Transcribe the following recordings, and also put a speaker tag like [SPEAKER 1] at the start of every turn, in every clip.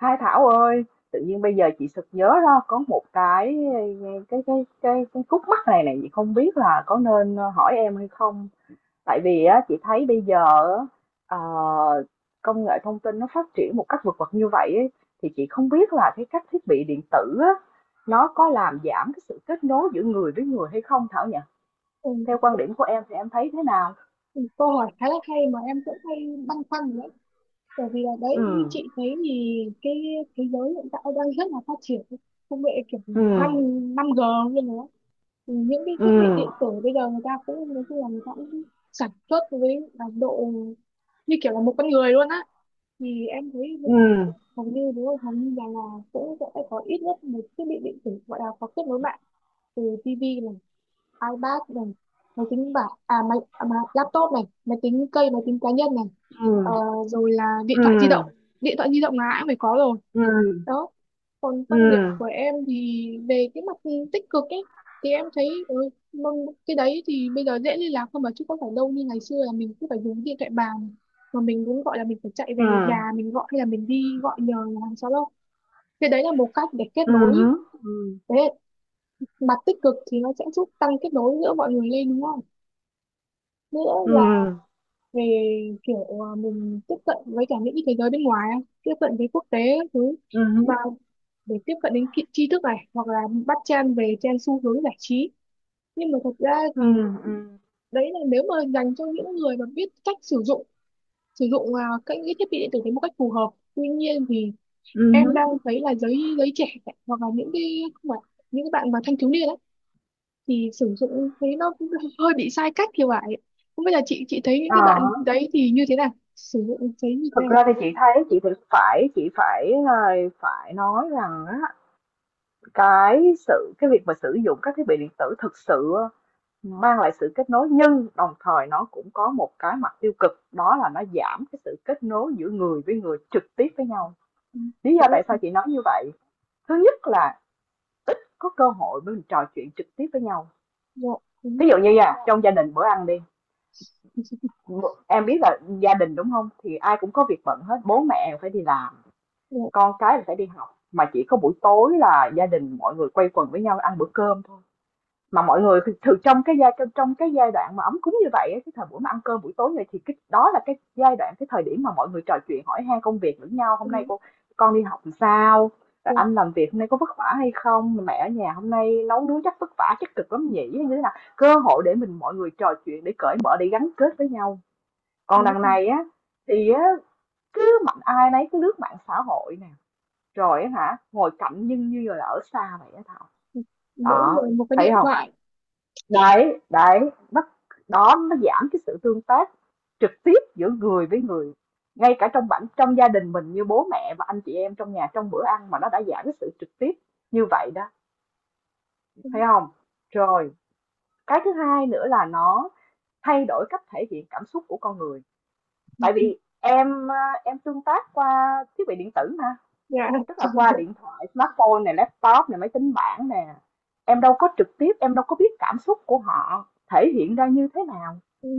[SPEAKER 1] Hai Thảo ơi, tự nhiên bây giờ chị sực nhớ ra có một cái khúc mắc này này chị không biết là có nên hỏi em hay không. Tại vì á chị thấy bây giờ á, ờ, công nghệ thông tin nó phát triển một cách vượt bậc như vậy ấy, thì chị không biết là cái các thiết bị điện tử á nó có làm giảm cái sự kết nối giữa người với người hay không Thảo nhỉ?
[SPEAKER 2] Ừ.
[SPEAKER 1] Theo quan điểm của em thì em thấy thế nào?
[SPEAKER 2] ừ, Câu hỏi khá là hay mà em cũng hay băn khoăn đấy, bởi vì là
[SPEAKER 1] Ừ,
[SPEAKER 2] đấy, như chị thấy thì cái thế giới hiện tại đang rất là phát triển công nghệ, kiểu
[SPEAKER 1] ừ,
[SPEAKER 2] năm năm g như thế. Những cái
[SPEAKER 1] ừ,
[SPEAKER 2] thiết bị điện tử bây giờ người ta cũng nói chung là người ta cũng sản xuất với là độ như kiểu là một con người luôn á. Thì em thấy bây
[SPEAKER 1] ừ,
[SPEAKER 2] giờ hầu như đúng không, hầu như là cũng sẽ có ít nhất một thiết bị điện tử gọi là có kết nối mạng, từ tivi, iPad này, máy tính bảng à mà laptop này, máy tính cây, máy tính cá nhân này. Ờ,
[SPEAKER 1] ừ,
[SPEAKER 2] Rồi là điện
[SPEAKER 1] ừ,
[SPEAKER 2] thoại di động, điện thoại di động là ai cũng phải có rồi.
[SPEAKER 1] ừ,
[SPEAKER 2] Đó. Còn
[SPEAKER 1] ừ,
[SPEAKER 2] quan điểm của em thì về cái mặt tích cực ấy, thì em thấy cái đấy thì bây giờ dễ liên lạc hơn mà, chứ không phải đâu như ngày xưa là mình cứ phải dùng điện thoại bàn, mà mình cũng gọi là mình phải chạy
[SPEAKER 1] ừ.
[SPEAKER 2] về nhà mình gọi, hay là mình đi gọi nhờ nhà hàng xóm đâu. Cái đấy là một cách để kết nối.
[SPEAKER 1] Hứm, ừm,
[SPEAKER 2] Đấy, mặt tích cực thì nó sẽ giúp tăng kết nối giữa mọi người lên, đúng không, nữa là
[SPEAKER 1] ừm,
[SPEAKER 2] về kiểu mình tiếp cận với cả những cái thế giới bên ngoài ấy, tiếp cận với quốc tế các thứ,
[SPEAKER 1] hứm,
[SPEAKER 2] mà để tiếp cận đến tri tri thức này, hoặc là bắt chen về trên xu hướng giải trí. Nhưng mà thật ra thì
[SPEAKER 1] ừm, ừm,
[SPEAKER 2] đấy là nếu mà dành cho những người mà biết cách sử dụng, sử dụng các những cái thiết bị điện tử đến một cách phù hợp. Tuy nhiên thì em
[SPEAKER 1] hứm.
[SPEAKER 2] đang thấy là giới giới trẻ, hoặc là những cái, không phải những cái bạn mà thanh thiếu niên ấy, thì sử dụng thấy nó cũng hơi bị sai cách thì phải. Không biết là chị thấy những
[SPEAKER 1] Ờ,
[SPEAKER 2] cái bạn đấy thì như thế nào, sử dụng thấy như thế
[SPEAKER 1] thực
[SPEAKER 2] nào.
[SPEAKER 1] ra thì chị thấy chị thì phải chị phải, phải nói rằng á, cái việc mà sử dụng các thiết bị điện tử thực sự mang lại sự kết nối, nhưng đồng thời nó cũng có một cái mặt tiêu cực, đó là nó giảm cái sự kết nối giữa người với người trực tiếp với nhau.
[SPEAKER 2] Ừ,
[SPEAKER 1] Lý do tại
[SPEAKER 2] đúng,
[SPEAKER 1] sao chị nói như vậy? Thứ nhất là ít có cơ hội để mình trò chuyện trực tiếp với nhau.
[SPEAKER 2] dạ, đúng,
[SPEAKER 1] Thí dụ như nha, trong gia đình bữa ăn đi, em biết là gia đình đúng không, thì ai cũng có việc bận hết, bố mẹ phải đi làm,
[SPEAKER 2] dạ,
[SPEAKER 1] con cái thì phải đi học, mà chỉ có buổi tối là gia đình mọi người quây quần với nhau ăn bữa cơm thôi. Mà mọi người thường trong cái giai đoạn mà ấm cúng như vậy á, cái thời buổi mà ăn cơm buổi tối này, thì cái đó là cái giai đoạn, cái thời điểm mà mọi người trò chuyện hỏi han công việc lẫn nhau. Hôm nay
[SPEAKER 2] đúng,
[SPEAKER 1] cô con đi học làm sao, rồi
[SPEAKER 2] dạ,
[SPEAKER 1] anh làm việc hôm nay có vất vả hay không, mẹ ở nhà hôm nay nấu nướng chắc vất vả chắc cực lắm nhỉ, như thế nào, cơ hội để mình, mọi người trò chuyện để cởi mở để gắn kết với nhau. Còn đằng
[SPEAKER 2] đúng.
[SPEAKER 1] này á thì á, cứ mạnh ai nấy cứ lướt mạng xã hội nè, rồi á hả, ngồi cạnh nhưng như là ở xa vậy á Thảo.
[SPEAKER 2] Mỗi
[SPEAKER 1] Đó,
[SPEAKER 2] người một cái
[SPEAKER 1] thấy
[SPEAKER 2] điện
[SPEAKER 1] không?
[SPEAKER 2] thoại.
[SPEAKER 1] Đấy, đấy, nó, đó, nó giảm cái sự tương tác trực tiếp giữa người với người. Ngay cả trong gia đình mình, như bố mẹ và anh chị em trong nhà, trong bữa ăn mà nó đã giảm cái sự trực tiếp như vậy đó,
[SPEAKER 2] Đúng,
[SPEAKER 1] thấy không? Rồi, cái thứ hai nữa là nó thay đổi cách thể hiện cảm xúc của con người. Tại vì em à, em tương tác qua thiết bị điện tử mà,
[SPEAKER 2] dạ.
[SPEAKER 1] tức là qua điện thoại smartphone này, laptop này, máy tính bảng nè, em đâu có trực tiếp, em đâu có biết cảm xúc của họ thể hiện ra như thế nào,
[SPEAKER 2] Ừ,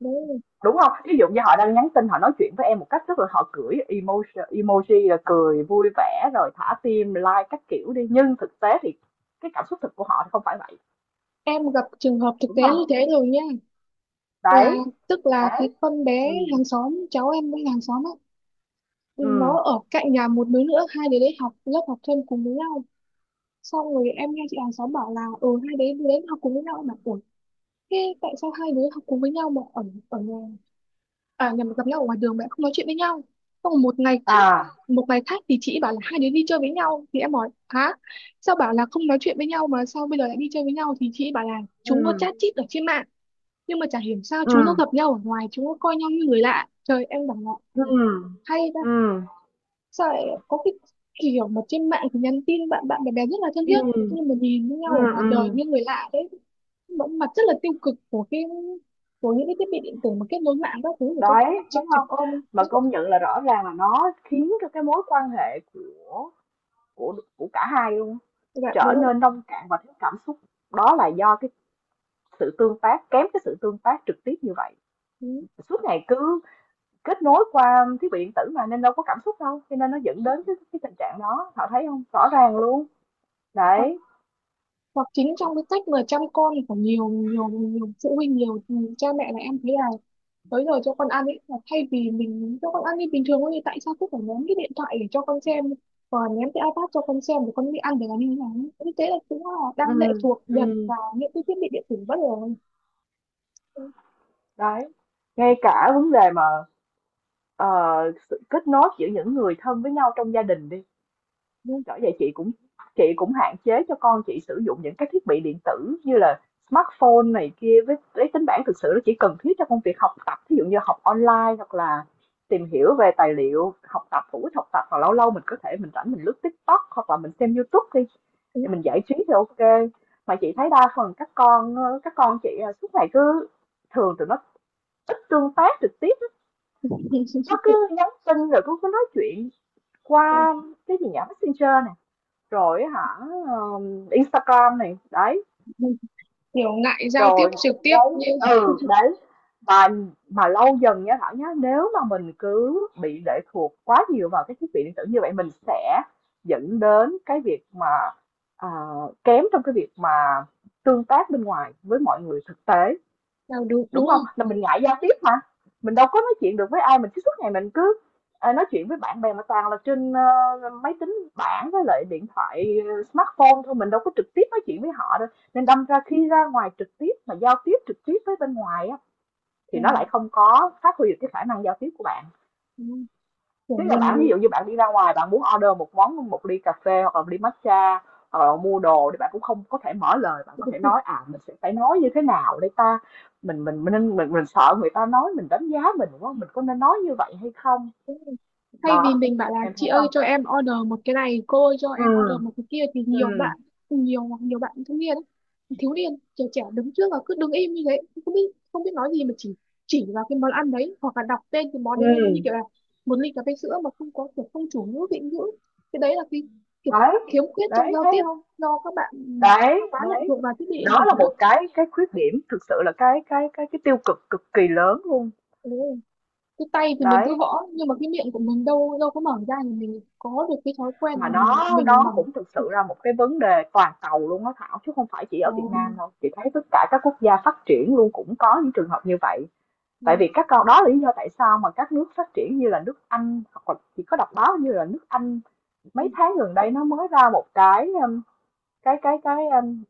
[SPEAKER 2] đấy là-
[SPEAKER 1] đúng không? Ví dụ như họ đang nhắn tin, họ nói chuyện với em một cách rất là, họ gửi emoji, emoji là cười vui vẻ rồi thả tim like các kiểu đi, nhưng thực tế thì cái cảm xúc thực của họ thì không phải vậy,
[SPEAKER 2] em gặp trường hợp thực
[SPEAKER 1] đúng
[SPEAKER 2] tế như
[SPEAKER 1] không?
[SPEAKER 2] thế rồi nha, là
[SPEAKER 1] Đấy,
[SPEAKER 2] tức là cái
[SPEAKER 1] đấy,
[SPEAKER 2] con bé
[SPEAKER 1] ừ,
[SPEAKER 2] hàng xóm cháu em với hàng xóm ấy,
[SPEAKER 1] ừ,
[SPEAKER 2] nó ở cạnh nhà một đứa nữa, hai đứa đấy học lớp học thêm cùng với nhau. Xong rồi em nghe chị hàng xóm bảo là ừ hai đứa đến học cùng với nhau mà, ủa, thế tại sao hai đứa học cùng với nhau mà ở, ở nhà, à nhà mà gặp nhau ở ngoài đường mà em không nói chuyện với nhau. Xong rồi một ngày khác
[SPEAKER 1] à,
[SPEAKER 2] một ngày khác thì chị bảo là hai đứa đi chơi với nhau, thì em hỏi hả, sao bảo là không nói chuyện với nhau mà sao bây giờ lại đi chơi với nhau, thì chị bảo là chúng nó
[SPEAKER 1] ừ,
[SPEAKER 2] chat chít ở trên mạng, nhưng mà chả hiểu sao
[SPEAKER 1] ừ,
[SPEAKER 2] chúng nó gặp nhau ở ngoài chúng nó coi nhau như người lạ. Trời, em bảo là
[SPEAKER 1] ừ,
[SPEAKER 2] "Ừ, hay ta,
[SPEAKER 1] ừ,
[SPEAKER 2] sao lại có cái kiểu mà trên mạng thì nhắn tin bạn bạn bè bè rất là thân
[SPEAKER 1] ừ,
[SPEAKER 2] thiết nhưng mà nhìn với
[SPEAKER 1] ừ, ừ,
[SPEAKER 2] nhau ở ngoài
[SPEAKER 1] ừ.
[SPEAKER 2] đời như người lạ". Đấy, vẫn mặt rất là tiêu cực của những cái thiết bị điện tử mà kết nối mạng các thứ, để cho
[SPEAKER 1] Đấy,
[SPEAKER 2] cho
[SPEAKER 1] thấy
[SPEAKER 2] trẻ
[SPEAKER 1] không,
[SPEAKER 2] con,
[SPEAKER 1] mà
[SPEAKER 2] các
[SPEAKER 1] công nhận là rõ ràng là nó khiến cho cái mối quan hệ của cả hai luôn
[SPEAKER 2] bạn
[SPEAKER 1] trở
[SPEAKER 2] đúng không.
[SPEAKER 1] nên nông cạn và thiếu cảm xúc. Đó là do cái sự tương tác kém, cái sự tương tác trực tiếp như vậy,
[SPEAKER 2] Ừ.
[SPEAKER 1] suốt ngày cứ kết nối qua thiết bị điện tử mà, nên đâu có cảm xúc đâu, cho nên nó dẫn đến cái tình trạng đó, họ thấy không, rõ ràng luôn.
[SPEAKER 2] hoặc,
[SPEAKER 1] Đấy,
[SPEAKER 2] hoặc chính trong cái cách mà chăm con của nhiều nhiều nhiều phụ huynh, nhiều cha mẹ, là em thấy là tới giờ cho con ăn ấy, là thay vì mình cho con ăn đi bình thường thôi thì tại sao cứ phải ném cái điện thoại để cho con xem, và ném cái iPad cho con xem để con đi ăn để làm như thế nào ấy. Như thế là cũng là
[SPEAKER 1] ừ,
[SPEAKER 2] đang lệ thuộc
[SPEAKER 1] ừ.
[SPEAKER 2] dần vào những cái thiết bị điện tử bất ngờ.
[SPEAKER 1] Đấy, ngay cả vấn đề mà, ờ, sự kết nối giữa những người thân với nhau trong gia đình đi.
[SPEAKER 2] Ừ.
[SPEAKER 1] Bởi vậy chị cũng, chị cũng hạn chế cho con chị sử dụng những cái thiết bị điện tử như là smartphone này kia với lấy tính bảng. Thực sự nó chỉ cần thiết cho công việc học tập, ví dụ như học online hoặc là tìm hiểu về tài liệu học tập hữu ích, học tập, hoặc lâu lâu mình có thể, mình rảnh mình lướt TikTok hoặc là mình xem YouTube đi,
[SPEAKER 2] Ừ.
[SPEAKER 1] thì mình giải trí thì ok. Mà chị thấy đa phần các con, các con chị à, suốt ngày cứ, thường tụi nó ít tương tác trực tiếp, nó cứ nhắn tin rồi cứ nói chuyện qua, cái gì nhỉ, messenger nè, rồi hả, Instagram này, đấy,
[SPEAKER 2] Kiểu ngại giao tiếp
[SPEAKER 1] rồi,
[SPEAKER 2] trực tiếp
[SPEAKER 1] đấy,
[SPEAKER 2] như.
[SPEAKER 1] ừ, đấy. Và mà lâu dần nha Thảo nhá, nếu mà mình cứ bị lệ thuộc quá nhiều vào cái thiết bị điện tử như vậy, mình sẽ dẫn đến cái việc mà, ờ, kém trong cái việc mà tương tác bên ngoài với mọi người thực tế.
[SPEAKER 2] Đâu, đúng
[SPEAKER 1] Đúng
[SPEAKER 2] đúng
[SPEAKER 1] không?
[SPEAKER 2] rồi.
[SPEAKER 1] Là mình ngại giao tiếp mà, mình đâu có nói chuyện được với ai, mình cứ suốt ngày mình cứ, nói chuyện với bạn bè mà toàn là trên, ơ, máy tính bảng với lại điện thoại, smartphone thôi, mình đâu có trực tiếp nói chuyện với họ đâu. Nên đâm ra khi ra ngoài trực tiếp mà giao tiếp trực tiếp với bên ngoài á, thì
[SPEAKER 2] Kiểu,
[SPEAKER 1] nó lại không có phát huy được cái khả năng giao tiếp của bạn.
[SPEAKER 2] đúng rồi. Kiểu
[SPEAKER 1] Tức là bạn, ví
[SPEAKER 2] mình,
[SPEAKER 1] dụ như bạn đi ra ngoài bạn muốn order một món, một ly cà phê hoặc là một ly matcha hoặc là mua đồ, thì bạn cũng không có thể mở lời, bạn có thể
[SPEAKER 2] đúng
[SPEAKER 1] nói à mình sẽ phải nói như thế nào để ta, mình sợ người ta nói mình, đánh giá mình, đúng không, mình có nên nói như vậy hay không.
[SPEAKER 2] rồi. Thay vì
[SPEAKER 1] Đó,
[SPEAKER 2] mình bảo là
[SPEAKER 1] em
[SPEAKER 2] chị
[SPEAKER 1] thấy
[SPEAKER 2] ơi
[SPEAKER 1] không,
[SPEAKER 2] cho em order một cái này, cô ơi cho
[SPEAKER 1] ừ,
[SPEAKER 2] em order một cái kia thì nhiều
[SPEAKER 1] ừ,
[SPEAKER 2] bạn, nhiều nhiều bạn thanh niên ấy, thiếu niên, trẻ trẻ, đứng trước và cứ đứng im như thế, không biết không biết nói gì mà chỉ vào cái món ăn đấy hoặc là đọc tên cái món đấy lên như kiểu
[SPEAKER 1] ừ,
[SPEAKER 2] là một ly cà phê sữa mà không có kiểu không chủ ngữ vị ngữ. Cái đấy là cái kiểu
[SPEAKER 1] đấy,
[SPEAKER 2] khiếm khuyết trong
[SPEAKER 1] đấy,
[SPEAKER 2] giao
[SPEAKER 1] thấy
[SPEAKER 2] tiếp
[SPEAKER 1] không,
[SPEAKER 2] do các bạn
[SPEAKER 1] đấy,
[SPEAKER 2] quá lệ
[SPEAKER 1] đấy.
[SPEAKER 2] thuộc vào thiết bị điện tử.
[SPEAKER 1] Đó là một cái khuyết điểm, thực sự là cái tiêu cực cực kỳ lớn luôn.
[SPEAKER 2] Đó, cái tay thì mình cứ
[SPEAKER 1] Đấy.
[SPEAKER 2] gõ nhưng mà cái miệng của mình đâu đâu có mở ra thì mình có được cái thói quen là
[SPEAKER 1] Mà
[SPEAKER 2] mình
[SPEAKER 1] nó
[SPEAKER 2] mình
[SPEAKER 1] nó
[SPEAKER 2] mở.
[SPEAKER 1] cũng thực sự là một cái vấn đề toàn cầu luôn á Thảo, chứ không phải chỉ
[SPEAKER 2] Ừ,
[SPEAKER 1] ở Việt Nam đâu. Chị thấy tất cả các quốc gia phát triển luôn cũng có những trường hợp như vậy.
[SPEAKER 2] ừ,
[SPEAKER 1] Tại vì các con, đó là lý do tại sao mà các nước phát triển như là nước Anh, hoặc là chỉ có đọc báo như là nước Anh, mấy
[SPEAKER 2] không,
[SPEAKER 1] tháng gần đây nó mới ra một cái, cái cái cái um,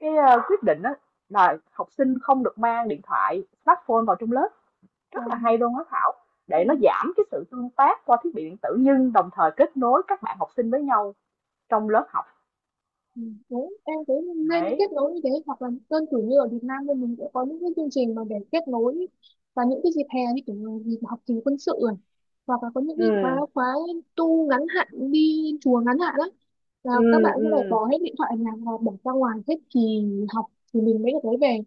[SPEAKER 1] quyết định á, là học sinh không được mang điện thoại smartphone vào trong lớp. Rất là
[SPEAKER 2] không.
[SPEAKER 1] hay luôn á Thảo, để nó giảm cái sự tương tác qua thiết bị điện tử, nhưng đồng thời kết nối các bạn học sinh với nhau trong lớp học.
[SPEAKER 2] Ừ. Đúng, em cũng nên
[SPEAKER 1] Đấy.
[SPEAKER 2] kết nối như thế, hoặc là đơn cử như ở Việt Nam thì mình sẽ có những cái chương trình mà để kết nối và những cái dịp hè như kiểu là dịp học kỳ quân sự này, hoặc là có những cái khóa
[SPEAKER 1] Ừm,
[SPEAKER 2] khóa tu ngắn hạn, đi chùa ngắn hạn. Đó là các
[SPEAKER 1] ừm,
[SPEAKER 2] bạn sẽ phải
[SPEAKER 1] ừm.
[SPEAKER 2] bỏ hết điện thoại ở nhà và bỏ ra ngoài hết kỳ học thì mình mới được lấy về.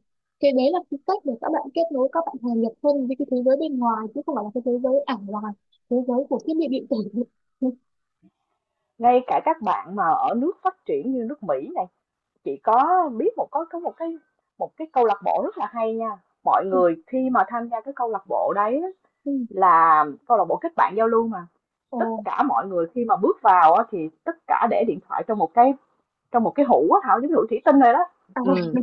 [SPEAKER 2] Cái đấy là cái cách để các bạn kết nối, các bạn hòa nhập hơn với cái thế giới bên ngoài chứ không phải là cái thế giới ảo, là thế giới của thiết bị điện tử.
[SPEAKER 1] Ngay cả các bạn mà ở nước phát triển như nước Mỹ này, chị có biết có một cái câu lạc bộ rất là hay nha. Mọi người khi mà tham gia cái câu lạc bộ đấy á,
[SPEAKER 2] Ừ.
[SPEAKER 1] là câu lạc bộ kết bạn giao lưu mà.
[SPEAKER 2] Ờ,
[SPEAKER 1] Tất cả mọi người khi mà bước vào á, thì tất cả để điện thoại trong một cái, trong một cái hũ á Thảo, giống như hũ thủy tinh rồi đó.
[SPEAKER 2] à,
[SPEAKER 1] Ừm.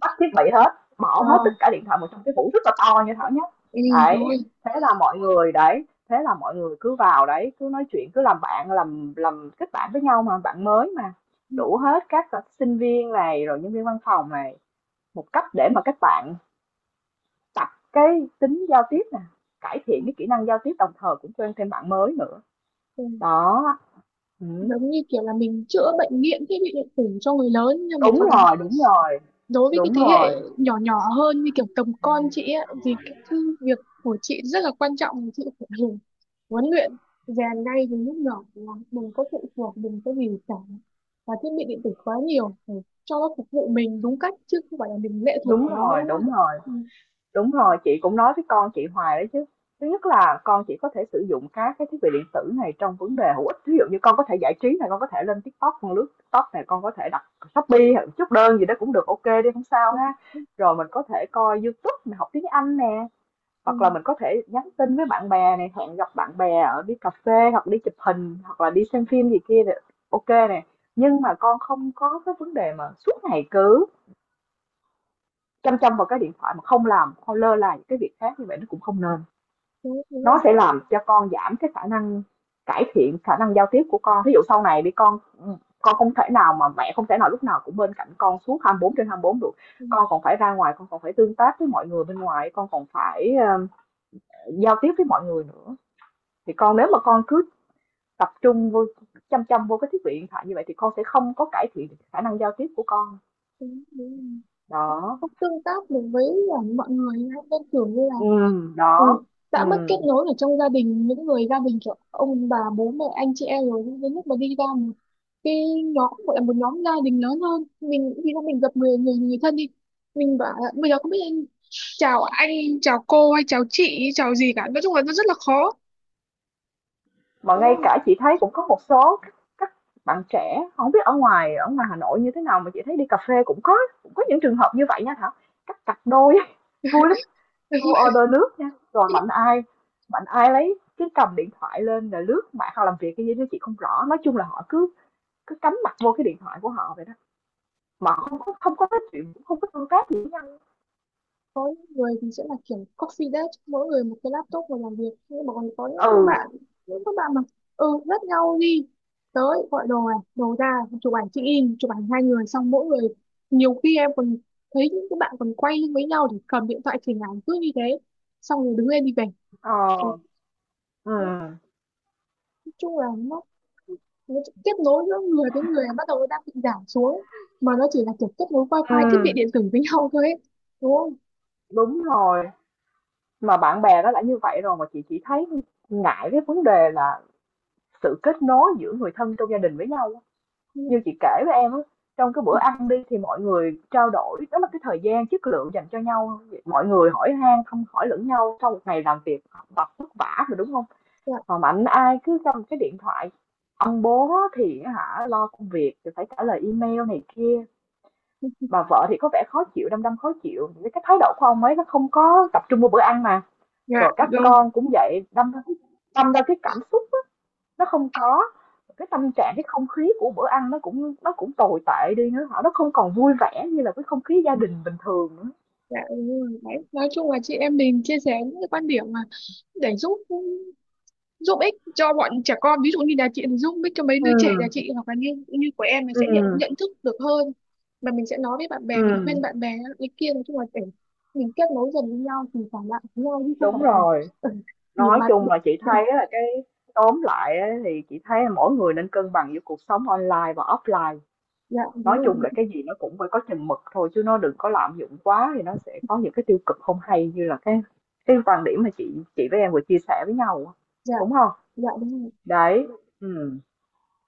[SPEAKER 1] Tắt thiết bị hết, bỏ
[SPEAKER 2] ờ,
[SPEAKER 1] hết tất cả điện thoại vào trong cái hũ rất là to như Thảo nhá.
[SPEAKER 2] ừ, đúng
[SPEAKER 1] Đấy,
[SPEAKER 2] rồi.
[SPEAKER 1] thế là mọi người, đấy, thế là mọi người cứ vào đấy, cứ nói chuyện, cứ làm bạn, làm kết bạn với nhau mà, bạn mới mà.
[SPEAKER 2] Ừ,
[SPEAKER 1] Đủ hết các à, sinh viên này, rồi nhân viên văn phòng này, một cách để mà các bạn tập cái tính giao tiếp nè, cải thiện cái kỹ năng giao tiếp, đồng thời cũng quen thêm bạn mới nữa.
[SPEAKER 2] ừ.
[SPEAKER 1] Đó, ừ.
[SPEAKER 2] Giống như kiểu là mình chữa bệnh nghiện thiết bị điện tử cho người lớn, nhưng mà
[SPEAKER 1] Đúng
[SPEAKER 2] còn
[SPEAKER 1] rồi, đúng rồi,
[SPEAKER 2] đối với cái
[SPEAKER 1] đúng
[SPEAKER 2] thế hệ
[SPEAKER 1] rồi,
[SPEAKER 2] nhỏ nhỏ hơn như kiểu tầm con chị ấy, thì cái việc của chị rất là quan trọng, chị phải hiểu, huấn luyện, rèn ngay từ lúc nhỏ là đừng có phụ thuộc, đừng có gì cả và thiết bị điện tử quá nhiều, phải cho nó phục vụ mình đúng cách chứ không phải là mình lệ thuộc
[SPEAKER 1] đúng
[SPEAKER 2] vào nó
[SPEAKER 1] rồi,
[SPEAKER 2] đúng không
[SPEAKER 1] đúng
[SPEAKER 2] ạ?
[SPEAKER 1] rồi.
[SPEAKER 2] Ừ.
[SPEAKER 1] Đúng rồi, chị cũng nói với con chị hoài đấy chứ. Thứ nhất là con chị có thể sử dụng các cái thiết bị điện tử này trong vấn đề hữu ích. Ví dụ như con có thể giải trí này, con có thể lên TikTok, con lướt TikTok này, con có thể đặt Shopee hoặc chút đơn gì đó cũng được, ok đi không sao ha. Rồi mình có thể coi YouTube, mình học tiếng Anh nè,
[SPEAKER 2] Ừ.
[SPEAKER 1] hoặc là mình có thể nhắn tin với bạn bè này, hẹn gặp bạn bè ở, đi cà phê hoặc đi chụp hình hoặc là đi xem phim gì kia này, ok nè.
[SPEAKER 2] Ừ.
[SPEAKER 1] Nhưng mà con không có cái vấn đề mà suốt ngày cứ chăm chăm vào cái điện thoại, mà không làm, không lơ là những cái việc khác, như vậy nó cũng không nên.
[SPEAKER 2] Đúng,
[SPEAKER 1] Nó
[SPEAKER 2] đúng,
[SPEAKER 1] sẽ làm cho con giảm cái khả năng, cải thiện khả năng giao tiếp của con. Ví dụ sau này đi con không thể nào mà, mẹ không thể nào lúc nào cũng bên cạnh con suốt 24/24 được.
[SPEAKER 2] đúng,
[SPEAKER 1] Con còn phải ra ngoài, con còn phải tương tác với mọi người bên ngoài, con còn phải, giao tiếp với mọi người nữa. Thì con, nếu mà con cứ tập trung vô, chăm chăm vô cái thiết bị điện thoại như vậy, thì con sẽ không có cải thiện khả năng giao tiếp của con.
[SPEAKER 2] đúng, đúng.
[SPEAKER 1] Đó,
[SPEAKER 2] Không tương tác được với mọi người ấy. Nên kiểu như là
[SPEAKER 1] ừ,
[SPEAKER 2] ừ,
[SPEAKER 1] đó, ừ.
[SPEAKER 2] đã mất kết nối ở trong gia đình, những người gia đình kiểu ông bà bố mẹ anh chị em rồi, nhưng đến lúc mà đi ra một cái nhóm gọi là một nhóm gia đình lớn hơn, mình khi mà mình gặp người người người thân đi, mình bảo là bây giờ không biết anh, chào anh, chào cô hay chào chị, chào gì cả, nói chung là nó rất là khó,
[SPEAKER 1] Mà
[SPEAKER 2] đúng
[SPEAKER 1] ngay
[SPEAKER 2] không.
[SPEAKER 1] cả chị thấy cũng có một số các bạn trẻ, không biết ở ngoài, ở ngoài Hà Nội như thế nào, mà chị thấy đi cà phê cũng có, cũng có những trường hợp như vậy nha Thảo, các cặp đôi vui lắm. Cô order nước nha, rồi mạnh ai lấy cái cầm điện thoại lên là lướt mạng, họ làm việc cái gì đó chị không rõ, nói chung là họ cứ cứ cắm mặt vô cái điện thoại của họ vậy đó, mà không có, không có nói chuyện, cũng không có tương tác gì với nhau.
[SPEAKER 2] Có những người thì sẽ là kiểu coffee desk, mỗi người một cái laptop và làm việc, nhưng mà còn có những cái
[SPEAKER 1] Ừ,
[SPEAKER 2] bạn những các bạn mà ừ rất nhau đi tới gọi đồ này đồ ra, chụp ảnh check in, chụp ảnh hai người, xong mỗi người, nhiều khi em còn thấy những cái bạn còn quay lưng với nhau để cầm điện thoại chỉnh ảnh cứ như thế, xong rồi đứng lên đi về.
[SPEAKER 1] ờ,
[SPEAKER 2] Ôi,
[SPEAKER 1] ừ,
[SPEAKER 2] thế, nói chung là nó kết nối giữa người với người bắt đầu nó đang bị giảm xuống, mà nó chỉ là kiểu kết nối
[SPEAKER 1] ừ,
[SPEAKER 2] wifi thiết bị điện tử với nhau thôi ấy, đúng không.
[SPEAKER 1] đúng rồi. Mà bạn bè nó đã như vậy rồi, mà chị chỉ thấy ngại cái vấn đề là sự kết nối giữa người thân trong gia đình với nhau.
[SPEAKER 2] Ừ.
[SPEAKER 1] Như chị kể với em, trong cái bữa ăn đi thì mọi người trao đổi, đó là cái thời gian chất lượng dành cho nhau. Mọi người hỏi han, không hỏi lẫn nhau sau một ngày làm việc học tập vất vả rồi, đúng không?
[SPEAKER 2] Dạ,
[SPEAKER 1] Mà mạnh ai cứ cầm cái điện thoại, ông bố thì hả, lo công việc thì phải trả lời email này kia, bà vợ thì có vẻ khó chịu, đăm đăm khó chịu cái thái độ của ông ấy, nó không có tập trung vào bữa ăn mà,
[SPEAKER 2] dạ
[SPEAKER 1] rồi các
[SPEAKER 2] rồi.
[SPEAKER 1] con cũng vậy. Đâm ra, đâm ra cái cảm xúc nó không có, cái tâm trạng, cái không khí của bữa ăn nó cũng, nó cũng tồi tệ đi nữa, họ, nó không còn vui vẻ như là cái không khí gia đình bình thường nữa.
[SPEAKER 2] Dạ đúng rồi. Đấy. Nói chung là chị em mình chia sẻ những cái quan điểm mà để giúp giúp ích cho bọn trẻ con, ví dụ như là chị thì giúp ích cho mấy
[SPEAKER 1] Ừ,
[SPEAKER 2] đứa trẻ nhà chị, hoặc là như như của em mình sẽ nhận
[SPEAKER 1] ừm,
[SPEAKER 2] nhận thức được hơn, mà mình sẽ nói với bạn bè mình
[SPEAKER 1] ừm.
[SPEAKER 2] khuyên bạn bè ý kia, nói chung là để mình kết nối dần với nhau thì phải lại với nhau chứ không
[SPEAKER 1] Đúng
[SPEAKER 2] phải là
[SPEAKER 1] rồi,
[SPEAKER 2] ừ, nhìn
[SPEAKER 1] nói
[SPEAKER 2] mặt.
[SPEAKER 1] chung là chị thấy là cái, tóm lại á, thì chị thấy là mỗi người nên cân bằng giữa cuộc sống online và offline.
[SPEAKER 2] Dạ đúng
[SPEAKER 1] Nói
[SPEAKER 2] rồi.
[SPEAKER 1] chung là cái gì nó cũng phải có chừng mực thôi, chứ nó đừng có lạm dụng quá thì nó sẽ có những cái tiêu cực không hay, như là cái quan điểm mà chị với em vừa chia sẻ với nhau á,
[SPEAKER 2] Dạ
[SPEAKER 1] đúng không?
[SPEAKER 2] dạ đúng rồi.
[SPEAKER 1] Đấy, ừm.